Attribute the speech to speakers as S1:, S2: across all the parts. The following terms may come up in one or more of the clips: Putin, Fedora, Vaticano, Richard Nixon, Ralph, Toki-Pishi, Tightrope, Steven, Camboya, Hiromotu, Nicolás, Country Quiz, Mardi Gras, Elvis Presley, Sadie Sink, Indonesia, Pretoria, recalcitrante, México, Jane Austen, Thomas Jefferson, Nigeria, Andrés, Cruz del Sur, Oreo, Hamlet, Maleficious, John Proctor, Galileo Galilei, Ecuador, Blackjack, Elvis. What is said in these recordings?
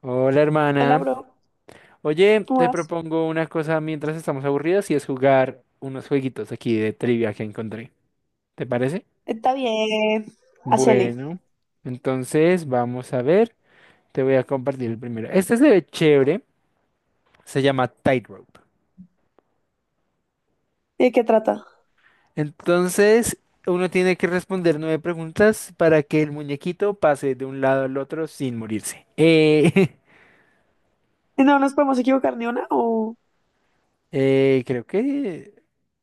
S1: Hola,
S2: Hola,
S1: hermana.
S2: bro.
S1: Oye,
S2: ¿Cómo
S1: te
S2: vas?
S1: propongo una cosa mientras estamos aburridos y es jugar unos jueguitos aquí de trivia que encontré. ¿Te parece?
S2: Está bien. Hacele.
S1: Bueno, entonces vamos a ver. Te voy a compartir el primero. Este se ve chévere. Se llama Tightrope.
S2: ¿De qué trata?
S1: Entonces, uno tiene que responder nueve preguntas para que el muñequito pase de un lado al otro sin morirse.
S2: No nos podemos equivocar ni una o
S1: Creo que...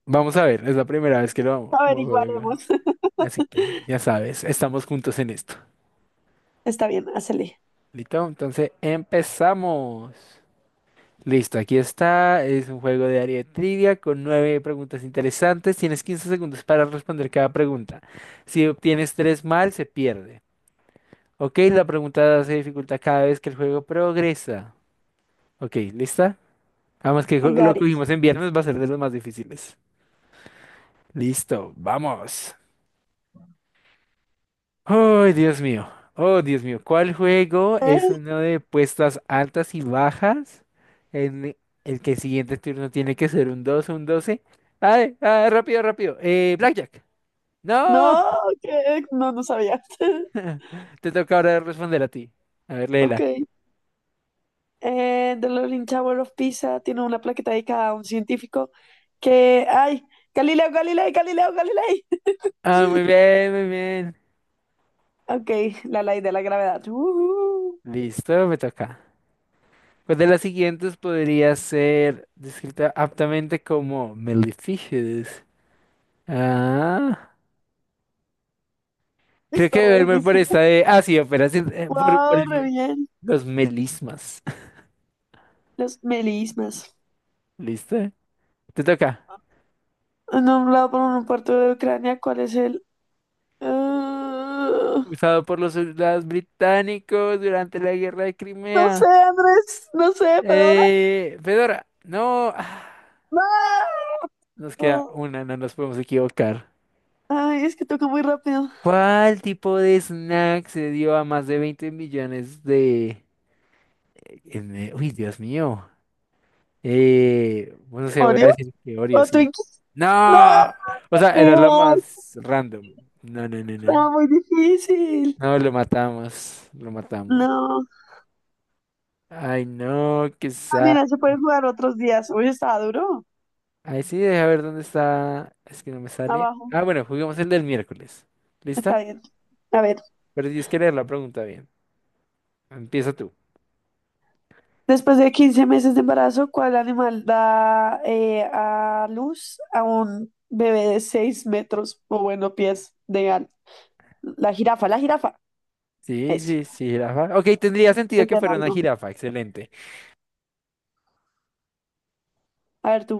S1: Vamos a ver, es la primera vez que lo vamos.
S2: averiguaremos.
S1: Así que ya sabes, estamos juntos en esto.
S2: Está bien, hacele.
S1: ¿Listo? Entonces empezamos. Listo, aquí está. Es un juego de área de trivia con nueve preguntas interesantes. Tienes 15 segundos para responder cada pregunta. Si obtienes tres mal, se pierde. Ok, la pregunta se dificulta cada vez que el juego progresa. Ok, ¿lista? Vamos que
S2: I
S1: lo que
S2: got it.
S1: cogimos en viernes, va a ser de los más difíciles. Listo, vamos. Oh, Dios mío. Oh, Dios mío. ¿Cuál juego
S2: ¿Eh?
S1: es uno de puestas altas y bajas? En el que el siguiente turno tiene que ser un 2, o un 12. ¡Ay! ¡Ah, rápido, rápido! Blackjack. ¡No!
S2: No, ¿qué? No, no sabía.
S1: Te toca ahora responder a ti. A ver,
S2: Ok.
S1: léela.
S2: The Leaning Tower of Pisa tiene una plaqueta dedicada a un científico que... ¡Ay! Galileo, Galilei, Galileo, Galilei.
S1: Ah, muy bien, muy bien.
S2: Ok, la ley de la gravedad. Ujú.
S1: Listo, me toca. Pues de las siguientes podría ser descrita aptamente como Maleficious. Ah, creo
S2: Está
S1: que
S2: re
S1: verme por
S2: difícil.
S1: esta de. Ah, sí, operación.
S2: ¡Wow! Re bien.
S1: Los melismas.
S2: Los melismas.
S1: ¿Listo? Te toca.
S2: Nombrado por un puerto de Ucrania, ¿cuál es el...? Ah,
S1: Usado por los soldados británicos durante la guerra de
S2: no
S1: Crimea.
S2: sé, Andrés, no sé, Fedora.
S1: Fedora, no.
S2: No.
S1: Nos queda
S2: Oh,
S1: una, no nos podemos equivocar.
S2: ay, es que toca muy rápido.
S1: ¿Cuál tipo de snack se dio a más de 20 millones de... Uy, Dios mío. Bueno, se voy a
S2: ¿Oreo
S1: decir que Oreo,
S2: o
S1: sí.
S2: Twinkies?
S1: No.
S2: No,
S1: O sea, era
S2: me
S1: lo
S2: va,
S1: más random. No, no, no, no. No,
S2: está muy difícil.
S1: no, lo matamos. Lo matamos.
S2: No.
S1: Ay, no, qué
S2: Ah,
S1: quizá.
S2: mira, se pueden jugar otros días. Hoy estaba duro.
S1: Ay, sí, deja ver dónde está. Es que no me sale.
S2: Abajo.
S1: Ah, bueno, juguemos el del miércoles. ¿Lista?
S2: Está bien. A ver.
S1: Pero tienes que leer la pregunta bien. Empieza tú.
S2: Después de 15 meses de embarazo, ¿cuál animal da a luz a un bebé de 6 metros o bueno, pies de al? La jirafa, la jirafa.
S1: Sí,
S2: Eso.
S1: sí, sí, jirafa. Ok, tendría sentido
S2: Es
S1: que
S2: de
S1: fuera una
S2: largo.
S1: jirafa. Excelente.
S2: A ver tú.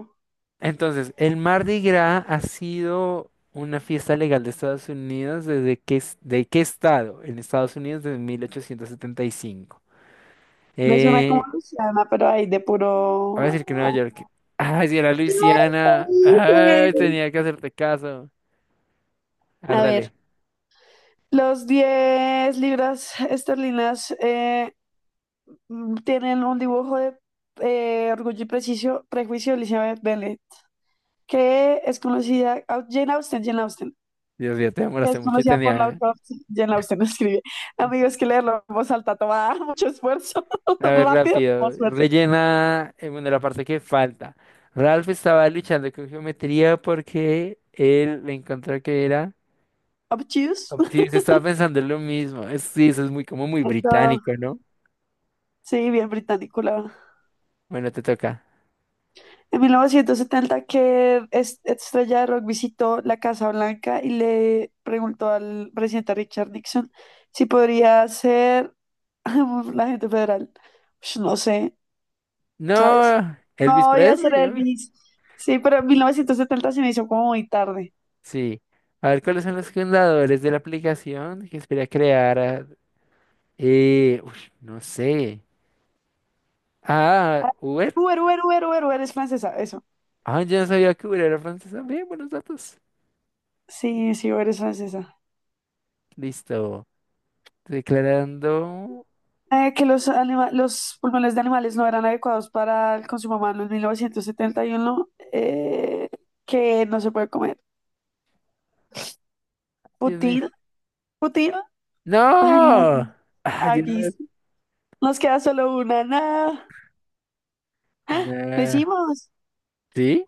S1: Entonces, el Mardi Gras ha sido una fiesta legal de Estados Unidos desde qué, ¿de qué estado? En Estados Unidos desde 1875.
S2: Me suena como
S1: Eh,
S2: Luciana, pero ahí de
S1: voy a
S2: puro.
S1: decir que Nueva York. Ay, si era
S2: ¿Qué
S1: Luisiana.
S2: te
S1: Ay,
S2: hice?
S1: tenía que hacerte caso.
S2: A ver.
S1: Árdale.
S2: Los 10 libras esterlinas tienen un dibujo de Orgullo y Prejuicio de Elizabeth Bennet, que es conocida. Jane Austen, Jane Austen.
S1: Dios mío, te
S2: Que
S1: demoraste
S2: es
S1: mucho y
S2: conocida por la
S1: tenía.
S2: autora. Jane Austen escribe. Amigos, que leerlo en voz alta toma mucho esfuerzo.
S1: A ver,
S2: Rápido, mucho
S1: rápido.
S2: esfuerzo.
S1: Rellena, bueno, la parte que falta. Ralph estaba luchando con geometría porque él le encontró que era.
S2: Obtuse.
S1: Sí, se estaba pensando en lo mismo. Sí, eso es muy como muy
S2: Eso
S1: británico, ¿no?
S2: sí, bien británico, la verdad.
S1: Bueno, te toca.
S2: En 1970 estrella de rock visitó la Casa Blanca y le preguntó al presidente Richard Nixon si podría ser la gente federal. Ush, no sé, ¿sabes?
S1: No, Elvis
S2: No, iba a ser
S1: Presley. ¿No?
S2: Elvis. Sí, pero en 1970 se me hizo como muy tarde.
S1: Sí. A ver, ¿cuáles son los fundadores de la aplicación que espera crear? Uy, no sé. Ah, Uber.
S2: Uber, Uber, Uber, Uber, Uber es francesa, eso.
S1: Ah, yo no sabía que Uber era francés también. Buenos datos.
S2: Sí, sí, Uber es francesa.
S1: Listo. Declarando.
S2: Que los pulmones de animales no eran adecuados para el consumo humano en 1971, que no se puede comer.
S1: Dios mío.
S2: Putin, Putin, ay, no,
S1: ¡No! ¡Ay,
S2: aquí
S1: Dios!
S2: sí. Nos queda solo una, nada, lo
S1: Nah.
S2: hicimos,
S1: ¿Sí?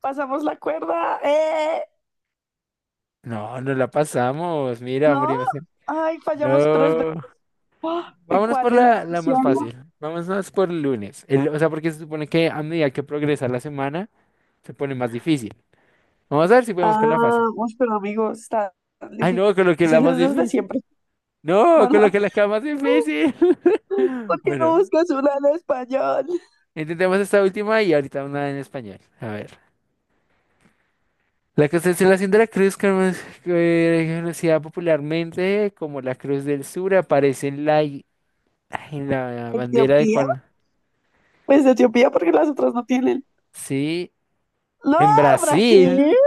S2: pasamos la cuerda,
S1: No, no la pasamos. Mira,
S2: no,
S1: morimos.
S2: ay, fallamos tres veces.
S1: No.
S2: Ah, ¿en
S1: Vámonos
S2: cuál?
S1: por
S2: ¿En la
S1: la
S2: ilusión?
S1: más fácil. Vámonos por el lunes. O sea, porque se supone que a medida que progresa la semana, se pone más difícil. Vamos a ver si podemos
S2: Ah,
S1: con la fácil.
S2: uy, pero amigos, está
S1: Ay,
S2: difícil
S1: no, coloqué la más
S2: desde
S1: difícil.
S2: siempre.
S1: No,
S2: Bueno,
S1: coloqué la que era más difícil.
S2: ¿por qué no
S1: Bueno,
S2: buscas una en español?
S1: intentemos esta última y ahorita una en español. A ver. La constelación de la cruz, como es conocida popularmente como la Cruz del Sur, aparece en la bandera de
S2: Etiopía.
S1: cuál.
S2: Pues Etiopía porque las otras no tienen.
S1: Sí,
S2: No,
S1: en
S2: Brasil.
S1: Brasil.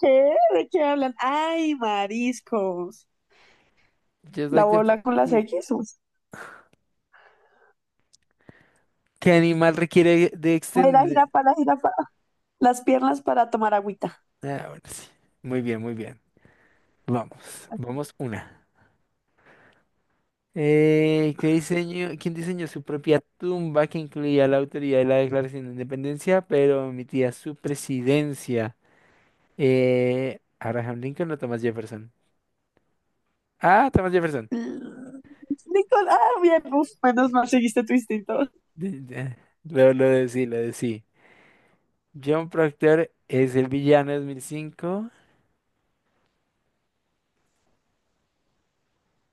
S2: ¿Qué? ¿De qué hablan? Ay, mariscos.
S1: Yo soy
S2: La
S1: de-
S2: bola con las
S1: y-
S2: X.
S1: ¿Qué animal requiere de
S2: Ay, la
S1: extender?
S2: jirafa, la jirafa. Las piernas para tomar agüita.
S1: Ah, bueno, sí. Muy bien, muy bien. Vamos,
S2: Así.
S1: vamos una. ¿Qué diseño, quién diseñó su propia tumba que incluía la autoridad de la Declaración de Independencia, pero omitía su presidencia? Abraham Lincoln o Thomas Jefferson. Ah, Thomas Jefferson.
S2: Mm, Nicolás, bien, uf, menos mal seguiste tu instinto.
S1: De- de- lo de sí, lo de sí. John Proctor es el villano de 2005.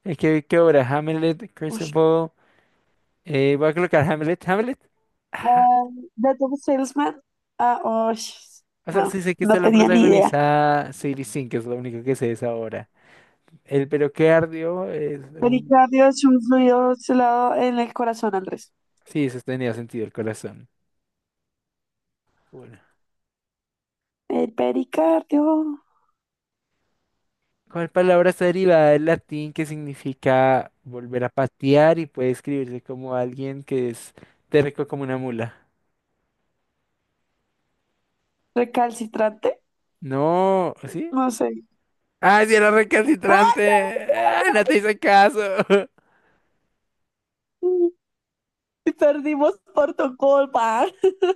S1: Es que, ¿qué obra? Hamlet, Curse
S2: Ush.
S1: of All. Voy a colocar Hamlet. ¿Hamlet? Ajá.
S2: Ah, de tu salesman. Ah, ush,
S1: O sea,
S2: no,
S1: sí sé que esto
S2: no
S1: lo
S2: tenía ni idea.
S1: protagoniza Sadie Sink, que es lo único que sé de esa obra. El pero que ardió es un...
S2: Pericardio es un fluido celado en el corazón, Andrés.
S1: Sí, eso tenía sentido, el corazón. Bueno.
S2: El pericardio
S1: ¿Cuál palabra está derivada del latín que significa volver a patear y puede escribirse como alguien que es terco como una mula?
S2: recalcitrante.
S1: No, ¿sí?
S2: No sé.
S1: Ah, sí, era
S2: ¡Ay,
S1: recalcitrante. Ah, no te hice caso.
S2: no! Perdimos por tu culpa.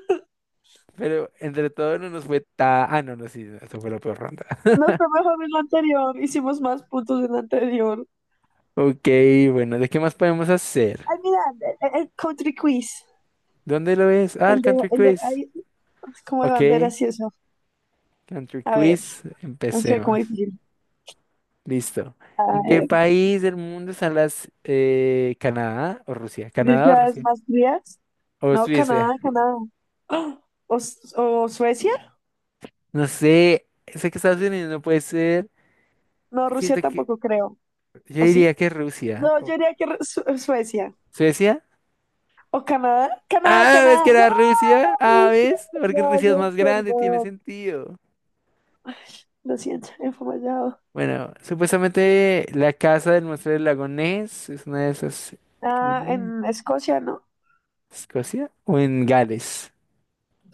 S1: Pero entre todo no nos fue tan... Ah, no, no, sí, eso fue la peor ronda.
S2: No fue mejor en la anterior. Hicimos más puntos en la anterior.
S1: Ok, bueno, ¿de qué más podemos hacer?
S2: Ay, mira, el country quiz.
S1: ¿Dónde lo ves? Ah, el
S2: El de,
S1: Country
S2: el de,
S1: Quiz.
S2: ay, como de
S1: Ok,
S2: banderas y eso.
S1: Country
S2: A ver,
S1: Quiz,
S2: no sé cómo
S1: empecemos.
S2: difícil.
S1: Listo.
S2: A
S1: ¿En qué
S2: ver,
S1: país del mundo están las... Canadá o Rusia?
S2: ¿de
S1: ¿Canadá o
S2: ciudades
S1: Rusia?
S2: más frías?
S1: ¿O
S2: No,
S1: Suiza?
S2: Canadá, Canadá. ¡Ah! ¿O Suecia?
S1: No sé, sé que Estados Unidos no puede ser.
S2: No, Rusia
S1: Siento que...
S2: tampoco creo.
S1: Yo
S2: ¿O
S1: diría
S2: sí?
S1: que Rusia.
S2: No, yo
S1: ¿O
S2: diría que Suecia.
S1: ¿Suecia?
S2: O Canadá, Canadá,
S1: Ah, ¿ves que
S2: Canadá.
S1: era Rusia? Ah,
S2: ¡Wow!
S1: ¿ves? Porque Rusia es
S2: Perdón,
S1: más grande, tiene
S2: perdón.
S1: sentido.
S2: Lo siento, he fallado.
S1: Bueno, supuestamente la casa del monstruo del lago Ness es una de esas
S2: Ah,
S1: islas.
S2: en Escocia, ¿no?
S1: ¿Escocia? ¿O en Gales?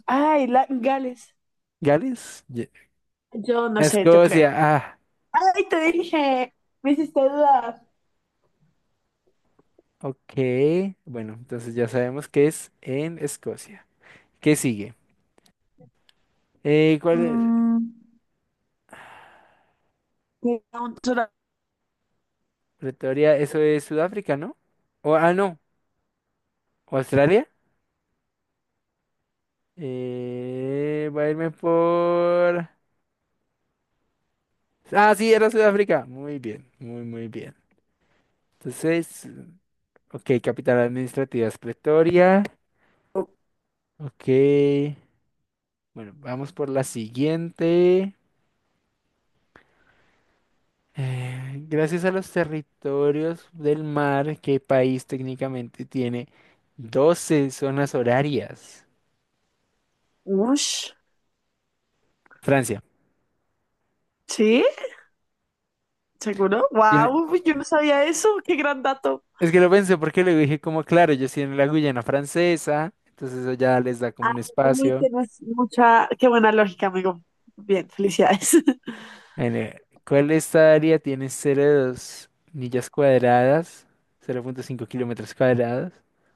S2: Ay, Gales.
S1: ¿Gales?
S2: Yo no sé, yo creo.
S1: Escocia,
S2: Ay, te dije, me hiciste dudar.
S1: ok. Bueno, entonces ya sabemos que es en Escocia. ¿Qué sigue? ¿Cuál? Es?
S2: Mm, me un tora-
S1: Pretoria, eso es Sudáfrica, ¿no? No, Australia. Voy a irme por... Ah, sí, era Sudáfrica. Muy bien, muy, muy bien. Entonces, ok, capital administrativa es Pretoria. Ok. Bueno, vamos por la siguiente. Gracias a los territorios del mar, ¿qué país técnicamente tiene 12 zonas horarias?
S2: Ush,
S1: Francia.
S2: ¿sí? ¿Seguro?
S1: Tiene-
S2: ¡Wow! Yo no sabía eso. ¡Qué gran dato!
S1: Es que lo pensé porque le dije como, claro, ellos tienen la Guyana Francesa, entonces eso ya les da como
S2: Ay,
S1: un
S2: uy,
S1: espacio.
S2: tienes mucha... ¡Qué buena lógica, amigo! Bien, felicidades.
S1: ¿Cuál de esta área tiene 0.2 millas cuadradas? 0.5 kilómetros cuadrados.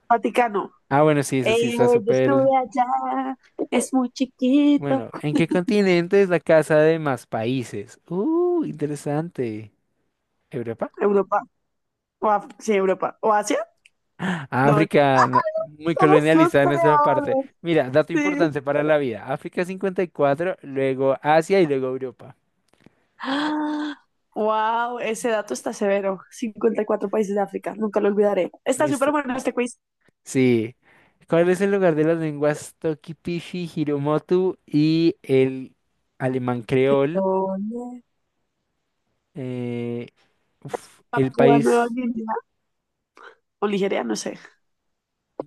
S2: Vaticano.
S1: Ah, bueno, sí, eso sí está
S2: Yo estuve
S1: súper.
S2: allá, es muy chiquito.
S1: Bueno, ¿en qué continente es la casa de más países? Interesante. ¿Europa?
S2: Europa, o sí, Europa, o Asia, no,
S1: África, no, muy
S2: somos los
S1: colonialista de nuestra parte.
S2: peores,
S1: Mira, dato
S2: sí.
S1: importante para la vida. África 54, luego Asia y luego Europa.
S2: ¡Ah! Wow, ese dato está severo. 54 países de África, nunca lo olvidaré. Está
S1: Listo.
S2: súper bueno este quiz.
S1: Sí. ¿Cuál es el lugar de las lenguas Toki-Pishi, Hiromotu y el alemán creol?
S2: ¿Dónde?
S1: Eh, uf, el
S2: Papúa Nueva
S1: país...
S2: Guinea o Nigeria, no sé.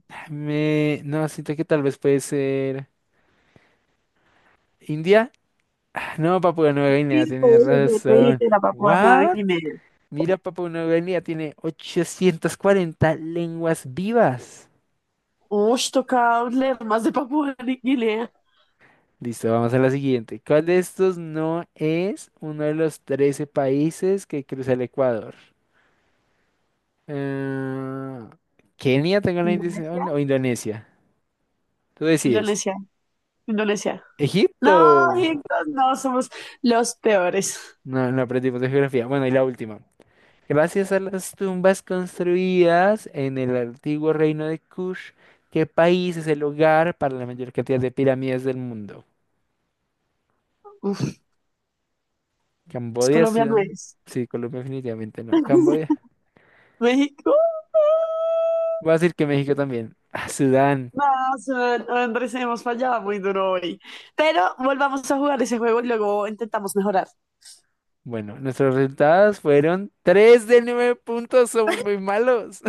S1: No, siento que tal vez puede ser... ¿India? Ah, no, Papua Nueva Guinea
S2: Sí,
S1: tiene
S2: te dije
S1: razón.
S2: que era Papúa Nueva
S1: ¿What?
S2: Guinea.
S1: Mira, Papua Nueva Guinea tiene 840 lenguas vivas.
S2: Uy, toca leer más de Papúa Nueva Guinea.
S1: Listo, vamos a la siguiente. ¿Cuál de estos no es uno de los 13 países que cruza el Ecuador? Eh, Kenia, tengo la
S2: ¿Indonesia?
S1: intención o Indonesia. Tú decides.
S2: Indonesia, Indonesia. No,
S1: Egipto.
S2: chicos, no, somos los peores.
S1: No, no aprendimos de geografía. Bueno, y la última. Gracias a las tumbas construidas en el antiguo reino de Kush, ¿qué país es el hogar para la mayor cantidad de pirámides del mundo?
S2: Uf, es
S1: Camboya,
S2: Colombia no
S1: Sudán.
S2: es.
S1: Sí, Colombia definitivamente no. Camboya.
S2: México.
S1: Voy a decir que México también. Ah, Sudán.
S2: No, Andrés, hemos fallado muy duro hoy. Pero volvamos a jugar ese juego y luego intentamos mejorar.
S1: Bueno, nuestros resultados fueron 3 de 9 puntos. Somos muy malos.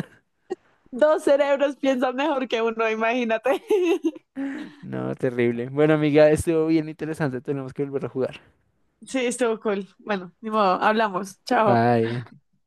S2: Dos cerebros piensan mejor que uno, imagínate.
S1: No, terrible. Bueno, amiga, estuvo bien interesante. Tenemos que volver a jugar.
S2: Sí, estuvo cool. Bueno, ni modo, hablamos. Chao.
S1: Bye.